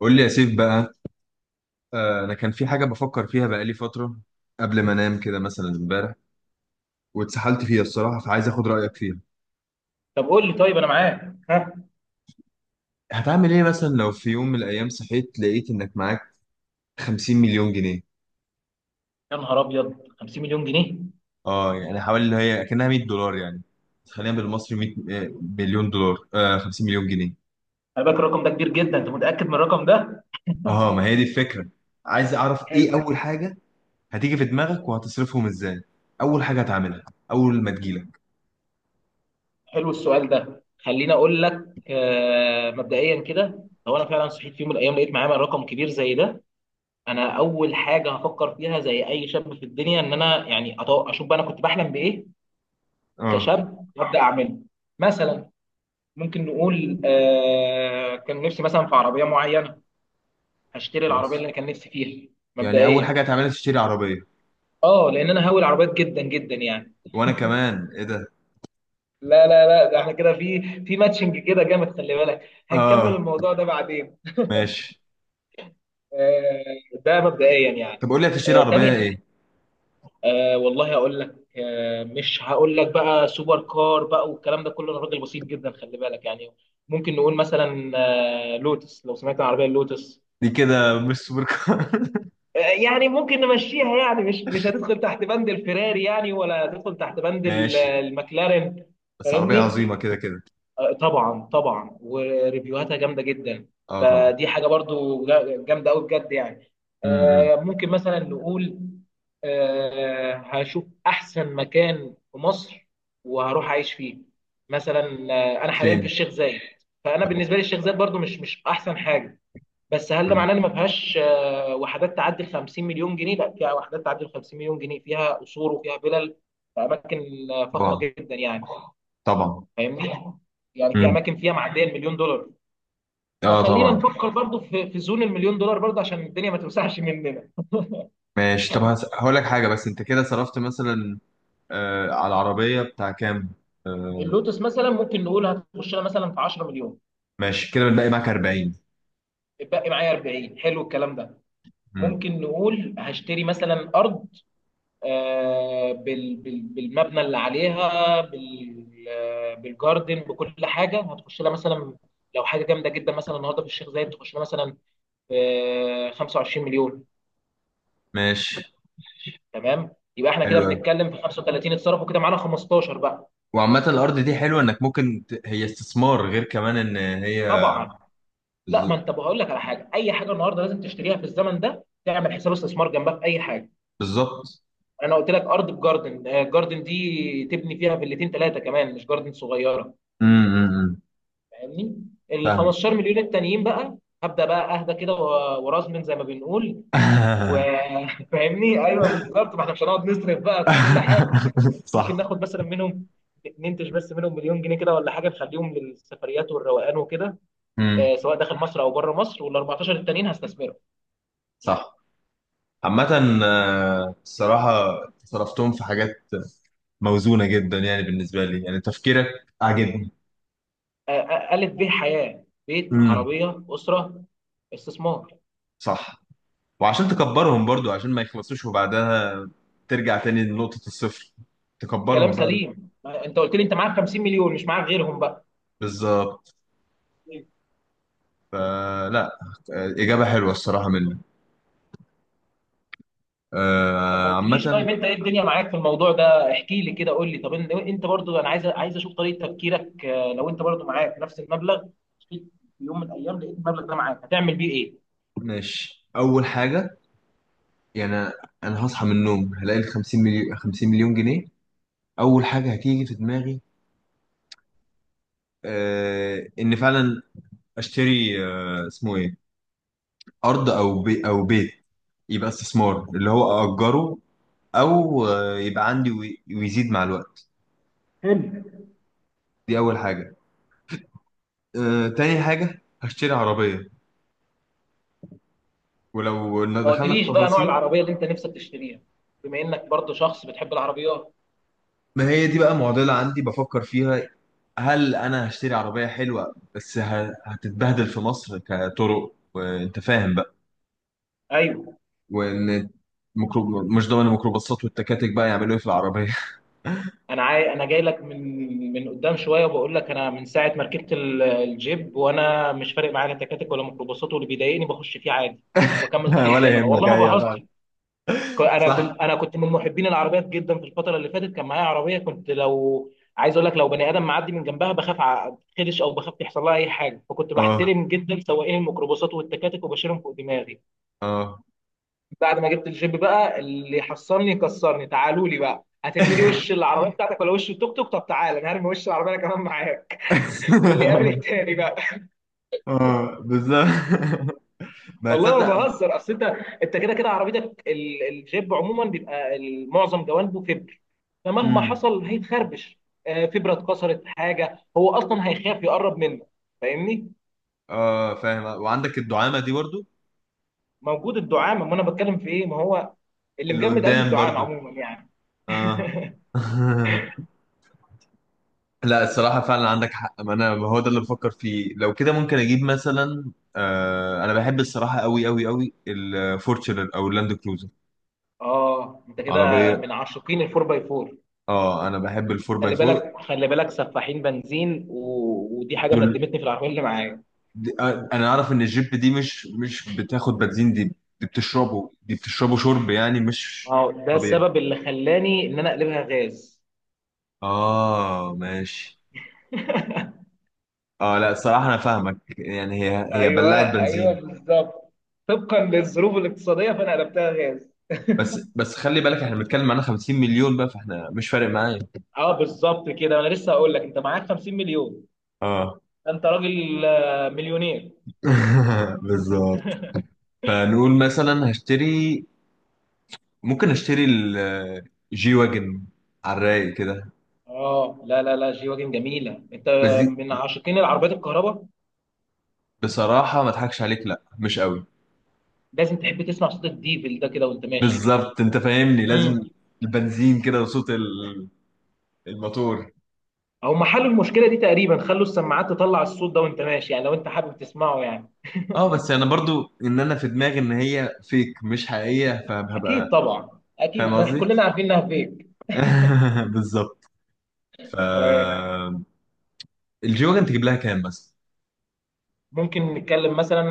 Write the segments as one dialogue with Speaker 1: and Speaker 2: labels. Speaker 1: قول لي يا سيف بقى. انا كان في حاجه بفكر فيها بقالي فتره قبل ما انام كده مثلا امبارح واتسحلت فيها الصراحه، فعايز اخد رايك فيها.
Speaker 2: طب قول لي، طيب انا معاك، ها؟
Speaker 1: هتعمل ايه مثلا لو في يوم من الايام صحيت لقيت انك معاك 50 مليون جنيه؟
Speaker 2: يا نهار ابيض، 50 مليون جنيه!
Speaker 1: اه يعني حوالي اللي هي كانها 100 دولار يعني، خلينا بالمصري 100 آه، مليون دولار، 50 مليون جنيه.
Speaker 2: انا فاكر الرقم ده كبير جدا، انت متاكد من الرقم ده؟
Speaker 1: اه ما هي دي الفكره، عايز اعرف ايه
Speaker 2: حلو.
Speaker 1: اول حاجه هتيجي في دماغك وهتصرفهم ازاي، اول حاجه هتعملها اول ما تجيلك.
Speaker 2: حلو، السؤال ده خليني اقول لك، مبدئيا كده، لو انا فعلا صحيت في يوم من الايام لقيت معايا رقم كبير زي ده، انا اول حاجه هفكر فيها زي اي شاب في الدنيا، ان انا يعني اشوف بقى انا كنت بحلم بايه
Speaker 1: اه
Speaker 2: كشاب، وابدا اعمله. مثلا، ممكن نقول كان نفسي مثلا في عربيه معينه، هشتري العربيه
Speaker 1: ماشي،
Speaker 2: اللي انا كان نفسي فيها.
Speaker 1: يعني اول
Speaker 2: مبدئيا.
Speaker 1: حاجه هتعملها تشتري عربيه؟
Speaker 2: اه، لان انا هاوي العربيات جدا جدا يعني.
Speaker 1: وانا كمان، ايه ده؟
Speaker 2: لا لا لا، ده احنا كده في ماتشنج كده جامد، خلي بالك. هنكمل
Speaker 1: اه
Speaker 2: الموضوع ده بعدين.
Speaker 1: ماشي،
Speaker 2: ده مبدئيا يعني.
Speaker 1: طب قول لي هتشتري عربيه
Speaker 2: تاني.
Speaker 1: ايه؟
Speaker 2: والله هقول لك، مش هقول لك بقى سوبر كار بقى والكلام ده كله، انا راجل بسيط جدا خلي بالك يعني. ممكن نقول مثلا، لوتس، لو سمعت عن العربيه اللوتس.
Speaker 1: دي كده مش سوبر كار
Speaker 2: يعني ممكن نمشيها يعني، مش هتدخل تحت بند الفيراري يعني، ولا هتدخل تحت بند
Speaker 1: ماشي،
Speaker 2: المcLaren.
Speaker 1: بس عربيه
Speaker 2: فاهمني.
Speaker 1: عظيمه كده كده.
Speaker 2: طبعا طبعا، وريفيوهاتها جامده جدا.
Speaker 1: اه طبعا.
Speaker 2: فدي حاجه برضو جامده قوي بجد يعني.
Speaker 1: امم.
Speaker 2: ممكن مثلا نقول، هشوف احسن مكان في مصر وهروح اعيش فيه، مثلا. انا حاليا في
Speaker 1: فين؟
Speaker 2: الشيخ زايد، فانا بالنسبه لي
Speaker 1: آه.
Speaker 2: الشيخ زايد برضو مش احسن حاجه. بس هل ده
Speaker 1: أمم.
Speaker 2: معناه ان ما فيهاش وحدات تعدي ال 50 مليون جنيه؟ لا، فيها وحدات تعدي ال 50 مليون جنيه، فيها قصور وفيها فلل، في اماكن فخمه
Speaker 1: طبعا
Speaker 2: جدا يعني.
Speaker 1: طبعا.
Speaker 2: فاهمني. يعني في
Speaker 1: امم.
Speaker 2: اماكن فيها معديه المليون دولار،
Speaker 1: اه
Speaker 2: فخلينا
Speaker 1: طبعا.
Speaker 2: نفكر برضو في زون المليون دولار برضو، عشان الدنيا ما توسعش مننا.
Speaker 1: ماشي، طب هقول لك حاجه. بس انت كده صرفت مثلا على العربيه بتاع كام؟ آه.
Speaker 2: اللوتس مثلا ممكن نقول هتخش لها مثلا في 10 مليون.
Speaker 1: ماشي، كده بنلاقي معاك 40.
Speaker 2: اتبقي معايا 40، حلو الكلام ده.
Speaker 1: امم.
Speaker 2: ممكن نقول هشتري مثلا ارض، بالمبنى اللي عليها، بالجاردن، بكل حاجه، هتخش لها مثلا لو حاجه جامده جدا، مثلا النهارده في الشيخ زايد، تخش لها مثلا 25 مليون.
Speaker 1: ماشي،
Speaker 2: تمام، يبقى احنا
Speaker 1: حلو
Speaker 2: كده
Speaker 1: قوي.
Speaker 2: بنتكلم في 35، اتصرفوا كده، معانا 15 بقى.
Speaker 1: وعامه الارض دي حلوه انك ممكن هي استثمار، غير كمان ان هي
Speaker 2: طبعا. لا، ما
Speaker 1: بز-
Speaker 2: انت بقول لك على حاجه، اي حاجه النهارده لازم تشتريها في الزمن ده، تعمل حساب استثمار جنبها في اي حاجه.
Speaker 1: بالظبط.
Speaker 2: انا قلت لك ارض بجاردن، جاردن دي تبني فيها فيلتين ثلاثه كمان، مش جاردن صغيره.
Speaker 1: امم.
Speaker 2: فاهمني. ال
Speaker 1: فاهم.
Speaker 2: 15 مليون التانيين بقى، هبدا بقى اهدى كده ورزمن زي ما بنقول. وفاهمني ايوه بالظبط، ما احنا مش هنقعد نصرف بقى في كل حاجه. ممكن
Speaker 1: صح.
Speaker 2: ناخد مثلا منهم، ننتج بس منهم مليون جنيه كده ولا حاجه، نخليهم للسفريات والروقان وكده،
Speaker 1: امم.
Speaker 2: سواء داخل مصر او بره مصر، وال 14 التانيين هستثمرهم.
Speaker 1: صح. عامة الصراحة صرفتهم في حاجات موزونة جدا، يعني بالنسبة لي يعني تفكيرك عاجبني.
Speaker 2: الف ب حياه، بيت،
Speaker 1: امم.
Speaker 2: عربيه، اسره، استثمار.
Speaker 1: صح، وعشان تكبرهم برضو، عشان ما يخلصوش وبعدها ترجع تاني لنقطة الصفر،
Speaker 2: كلام
Speaker 1: تكبرهم بقى.
Speaker 2: سليم، انت قلت لي انت معاك 50 مليون، مش معاك غيرهم بقى.
Speaker 1: بالظبط. فلا، إجابة حلوة الصراحة منك.
Speaker 2: طب ما قلتليش،
Speaker 1: عامة.
Speaker 2: طيب انت ايه الدنيا معاك في الموضوع ده؟ احكي لي كده، قول لي طب انت برضو، انا عايز اشوف طريقه تفكيرك، لو انت برضو معاك نفس المبلغ في يوم من الايام لقيت المبلغ ده معاك، هتعمل بيه ايه؟
Speaker 1: ماشي، أول حاجة يعني أنا هصحى من النوم هلاقي ال 50 مليون، 50 مليون جنيه، اول حاجه هتيجي في دماغي ان فعلا اشتري اسمه ايه، ارض او بي او بيت، يبقى استثمار اللي هو اجره، او يبقى عندي ويزيد مع الوقت.
Speaker 2: حلو.
Speaker 1: دي اول حاجه. تاني حاجه هشتري عربيه، ولو إن
Speaker 2: ما
Speaker 1: دخلنا في
Speaker 2: قلتليش بقى نوع
Speaker 1: تفاصيل.
Speaker 2: العربيه اللي انت نفسك تشتريها، بما انك برضه شخص بتحب العربيات.
Speaker 1: ما هي دي بقى معضله عندي بفكر فيها، هل انا هشتري عربيه حلوه بس هتتبهدل في مصر كطرق، وانت فاهم بقى.
Speaker 2: ايوه.
Speaker 1: وان مش ضامن الميكروباصات والتكاتك بقى يعملوا ايه في العربيه.
Speaker 2: انا جاي لك من قدام شويه، وبقول لك انا من ساعه ما ركبت الجيب، وانا مش فارق معايا لا تكاتك ولا ميكروباصات، واللي بيضايقني بخش فيه عادي واكمل طريق زي
Speaker 1: ولا
Speaker 2: ما انا
Speaker 1: يهمك،
Speaker 2: والله ما
Speaker 1: ايوه فعلا.
Speaker 2: بهزر. ك- انا
Speaker 1: صح.
Speaker 2: كنت انا كنت من محبين العربيات جدا، في الفتره اللي فاتت كان معايا عربيه، كنت لو عايز اقول لك لو بني ادم معدي من جنبها بخاف اتخدش، او بخاف يحصل لها اي حاجه، فكنت
Speaker 1: اه.
Speaker 2: بحترم جدا سواقين الميكروباصات والتكاتك، وبشيلهم فوق دماغي.
Speaker 1: اه.
Speaker 2: بعد ما جبت الجيب بقى، اللي يحصلني يكسرني، تعالوا لي بقى، هترمي لي وش العربيه بتاعتك ولا وش التوك توك؟ طب تعالى، انا هرمي وش العربيه، انا كمان معاك. واللي قابل التاني بقى.
Speaker 1: اه بالظبط. ما
Speaker 2: والله ما
Speaker 1: تصدق.
Speaker 2: بهزر، اصل انت، انت كده كده عربيتك الجيب عموما، بيبقى معظم جوانبه فبر، فمهما
Speaker 1: امم.
Speaker 2: حصل هيتخربش. فبره اتكسرت حاجه، هو اصلا هيخاف يقرب منك. فاهمني.
Speaker 1: اه فاهم، وعندك الدعامه دي برضو،
Speaker 2: موجود الدعامه، ما انا بتكلم في ايه، ما هو اللي
Speaker 1: اللي
Speaker 2: مجمد قلبي
Speaker 1: قدام
Speaker 2: الدعامه
Speaker 1: برضو.
Speaker 2: عموما يعني.
Speaker 1: اه. لا الصراحه فعلا عندك حق، ما انا ما هو ده اللي بفكر فيه. لو كده ممكن اجيب مثلا، انا بحب الصراحه قوي قوي قوي الفورتشنر او اللاند كروزر
Speaker 2: اه، انت كده
Speaker 1: عربيه.
Speaker 2: من عاشقين الفور باي فور.
Speaker 1: اه انا بحب الفور باي
Speaker 2: خلي
Speaker 1: فور.
Speaker 2: بالك خلي بالك، سفاحين بنزين، ودي حاجه ندمتني في العربيه اللي معايا.
Speaker 1: انا اعرف ان الجيب دي مش بتاخد بنزين، دي دي بتشربه شرب يعني، مش
Speaker 2: اه، ده
Speaker 1: طبيعي.
Speaker 2: السبب اللي خلاني ان انا اقلبها غاز.
Speaker 1: اه ماشي. اه لا الصراحه انا فاهمك، يعني هي بلعت
Speaker 2: ايوه ايوه،
Speaker 1: بنزين.
Speaker 2: بالظبط. طبقا للظروف الاقتصاديه، فانا قلبتها غاز.
Speaker 1: بس بس خلي بالك احنا بنتكلم عن 50 مليون بقى، فاحنا مش فارق معايا.
Speaker 2: اه بالظبط، كده انا لسه هقول لك انت معاك 50 مليون،
Speaker 1: اه.
Speaker 2: انت راجل مليونير.
Speaker 1: بالظبط. فنقول مثلا هشتري، ممكن اشتري الجي واجن على الرايق كده.
Speaker 2: اه، لا لا لا، جي واجن جميله، انت
Speaker 1: بس دي،
Speaker 2: من عاشقين العربيات الكهرباء.
Speaker 1: بصراحة ما اضحكش عليك، لا مش قوي.
Speaker 2: لازم تحب تسمع صوت الديفل ده كده وانت ماشي.
Speaker 1: بالظبط انت فاهمني، لازم البنزين كده وصوت الموتور.
Speaker 2: او محل المشكله دي تقريبا، خلوا السماعات تطلع الصوت ده وانت ماشي يعني، لو انت حابب تسمعه يعني.
Speaker 1: اه بس انا برضو ان انا في دماغي ان هي فيك مش حقيقية،
Speaker 2: اكيد
Speaker 1: فهبقى
Speaker 2: طبعا،
Speaker 1: فاهم
Speaker 2: اكيد، ما إحنا
Speaker 1: قصدي؟
Speaker 2: كلنا عارفين انها فيك.
Speaker 1: بالظبط. ف
Speaker 2: تمام.
Speaker 1: الجيوجن تجيب لها كام مثلا؟
Speaker 2: ممكن نتكلم مثلا،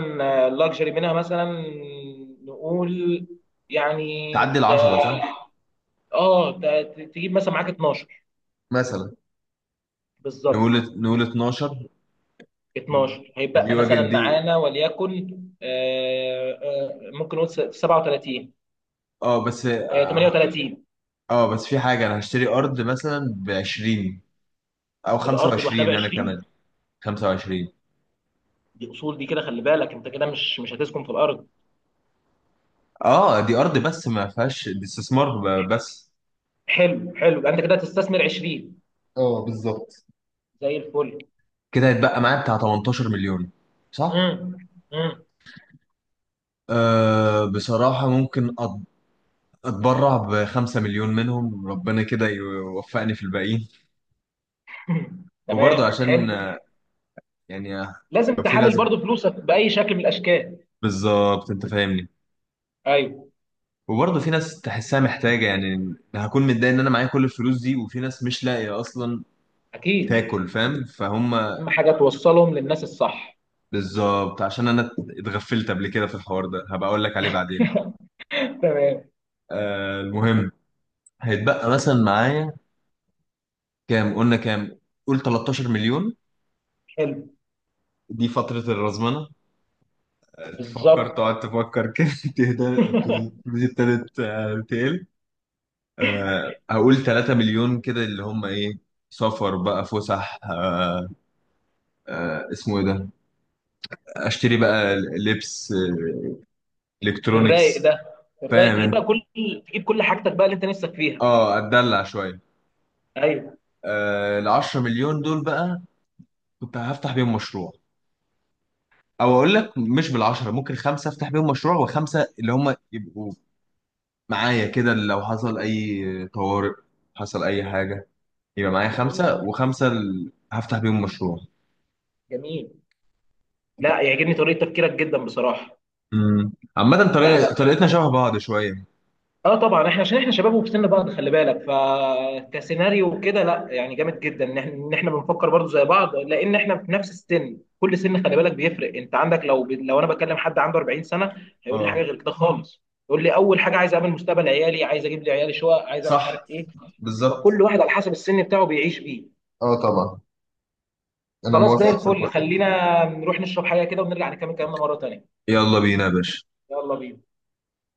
Speaker 2: لاكجري منها مثلا، نقول، يعني
Speaker 1: تعدي ال
Speaker 2: ت-
Speaker 1: 10 صح؟
Speaker 2: اه، تجيب مثلا معاك 12.
Speaker 1: مثلا
Speaker 2: بالظبط.
Speaker 1: نقول، نقول 12.
Speaker 2: 12 هيبقى
Speaker 1: الجيوجن
Speaker 2: مثلا
Speaker 1: دي.
Speaker 2: معانا، وليكن ممكن نقول 37،
Speaker 1: اه بس.
Speaker 2: 38.
Speaker 1: اه بس في حاجة، انا هشتري ارض مثلا ب 20 او
Speaker 2: الارض لوحدها ب
Speaker 1: 25، انا كمان
Speaker 2: 20.
Speaker 1: 25.
Speaker 2: دي اصول دي، كده خلي بالك، انت كده مش هتسكن في الارض.
Speaker 1: اه دي ارض بس، ما فيهاش دي استثمار. بس.
Speaker 2: حلو حلو، يبقى انت كده هتستثمر 20.
Speaker 1: اه بالظبط،
Speaker 2: زي الفل.
Speaker 1: كده هيتبقى معايا بتاع 18 مليون صح؟
Speaker 2: امم امم.
Speaker 1: أه بصراحة ممكن أتبرع بخمسة مليون منهم، ربنا كده يوفقني في الباقيين. وبرضه
Speaker 2: تمام،
Speaker 1: عشان
Speaker 2: حلو.
Speaker 1: يعني آه،
Speaker 2: لازم
Speaker 1: لو في
Speaker 2: تحلل
Speaker 1: ناس.
Speaker 2: برضو فلوسك باي شكل من الاشكال.
Speaker 1: بالظبط أنت فاهمني.
Speaker 2: ايوه
Speaker 1: وبرضه في ناس تحسها محتاجة، يعني هكون متضايق إن أنا معايا كل الفلوس دي وفي ناس مش لاقية أصلا
Speaker 2: اكيد.
Speaker 1: تاكل. فاهم فهم.
Speaker 2: اهم حاجه توصلهم للناس الصح.
Speaker 1: بالظبط. عشان أنا اتغفلت قبل كده في الحوار ده، هبقى أقول لك عليه بعدين.
Speaker 2: تمام.
Speaker 1: أه المهم، هيتبقى مثلا معايا كام؟ قلنا كام؟ قول 13 مليون،
Speaker 2: حلو.
Speaker 1: دي فترة الرزمنة، تفكر
Speaker 2: بالظبط
Speaker 1: تقعد تفكر كده تهدى الفلوس ابتدت تقل. هقول 3 مليون كده، اللي هم ايه، سفر بقى، فسح، اسمه ايه ده، اشتري بقى لبس،
Speaker 2: في الرايق
Speaker 1: الكترونيكس.
Speaker 2: ده، في الرايق
Speaker 1: فاهم
Speaker 2: تجيب
Speaker 1: انت.
Speaker 2: بقى كل، تجيب كل حاجتك بقى اللي انت نفسك فيها.
Speaker 1: اه اتدلع شويه.
Speaker 2: ايوه.
Speaker 1: آه ال 10 مليون دول بقى كنت هفتح بيهم مشروع، او اقول لك مش بال 10، ممكن خمسه افتح بيهم مشروع، وخمسه اللي هم يبقوا معايا كده لو حصل أي طوارئ، حصل أي حاجة، يبقى معايا خمسة.
Speaker 2: جميل
Speaker 1: وخمسة هفتح بيهم مشروع.
Speaker 2: جميل. لا، يعجبني طريقه تفكيرك جدا بصراحه.
Speaker 1: عامة،
Speaker 2: لا
Speaker 1: طريقة
Speaker 2: لا.
Speaker 1: طريقتنا شبه بعض شوية.
Speaker 2: اه طبعا، احنا عشان احنا شباب وفي سن بعض، خلي بالك، فكسيناريو كده لا، يعني جامد جدا ان احنا بنفكر برضو زي بعض، لان احنا في نفس السن، كل سن خلي بالك بيفرق، انت عندك لو لو انا بكلم حد عنده 40 سنه، هيقول لي حاجه
Speaker 1: اه.
Speaker 2: غير كده خالص. يقول لي اول حاجه عايز اعمل مستقبل عيالي، عايز اجيب لي عيالي شقق، عايز أعمل مش عارف
Speaker 1: صح.
Speaker 2: ايه.
Speaker 1: بالظبط.
Speaker 2: فكل واحد على حسب السن بتاعه بيعيش بيه.
Speaker 1: اه طبعا، انا
Speaker 2: خلاص، زي
Speaker 1: موافق في
Speaker 2: الفل،
Speaker 1: الحوار ده.
Speaker 2: خلينا نروح نشرب حاجه كده ونرجع نكمل كلامنا مره تانيه.
Speaker 1: يلا بينا يا باشا.
Speaker 2: يلا بينا.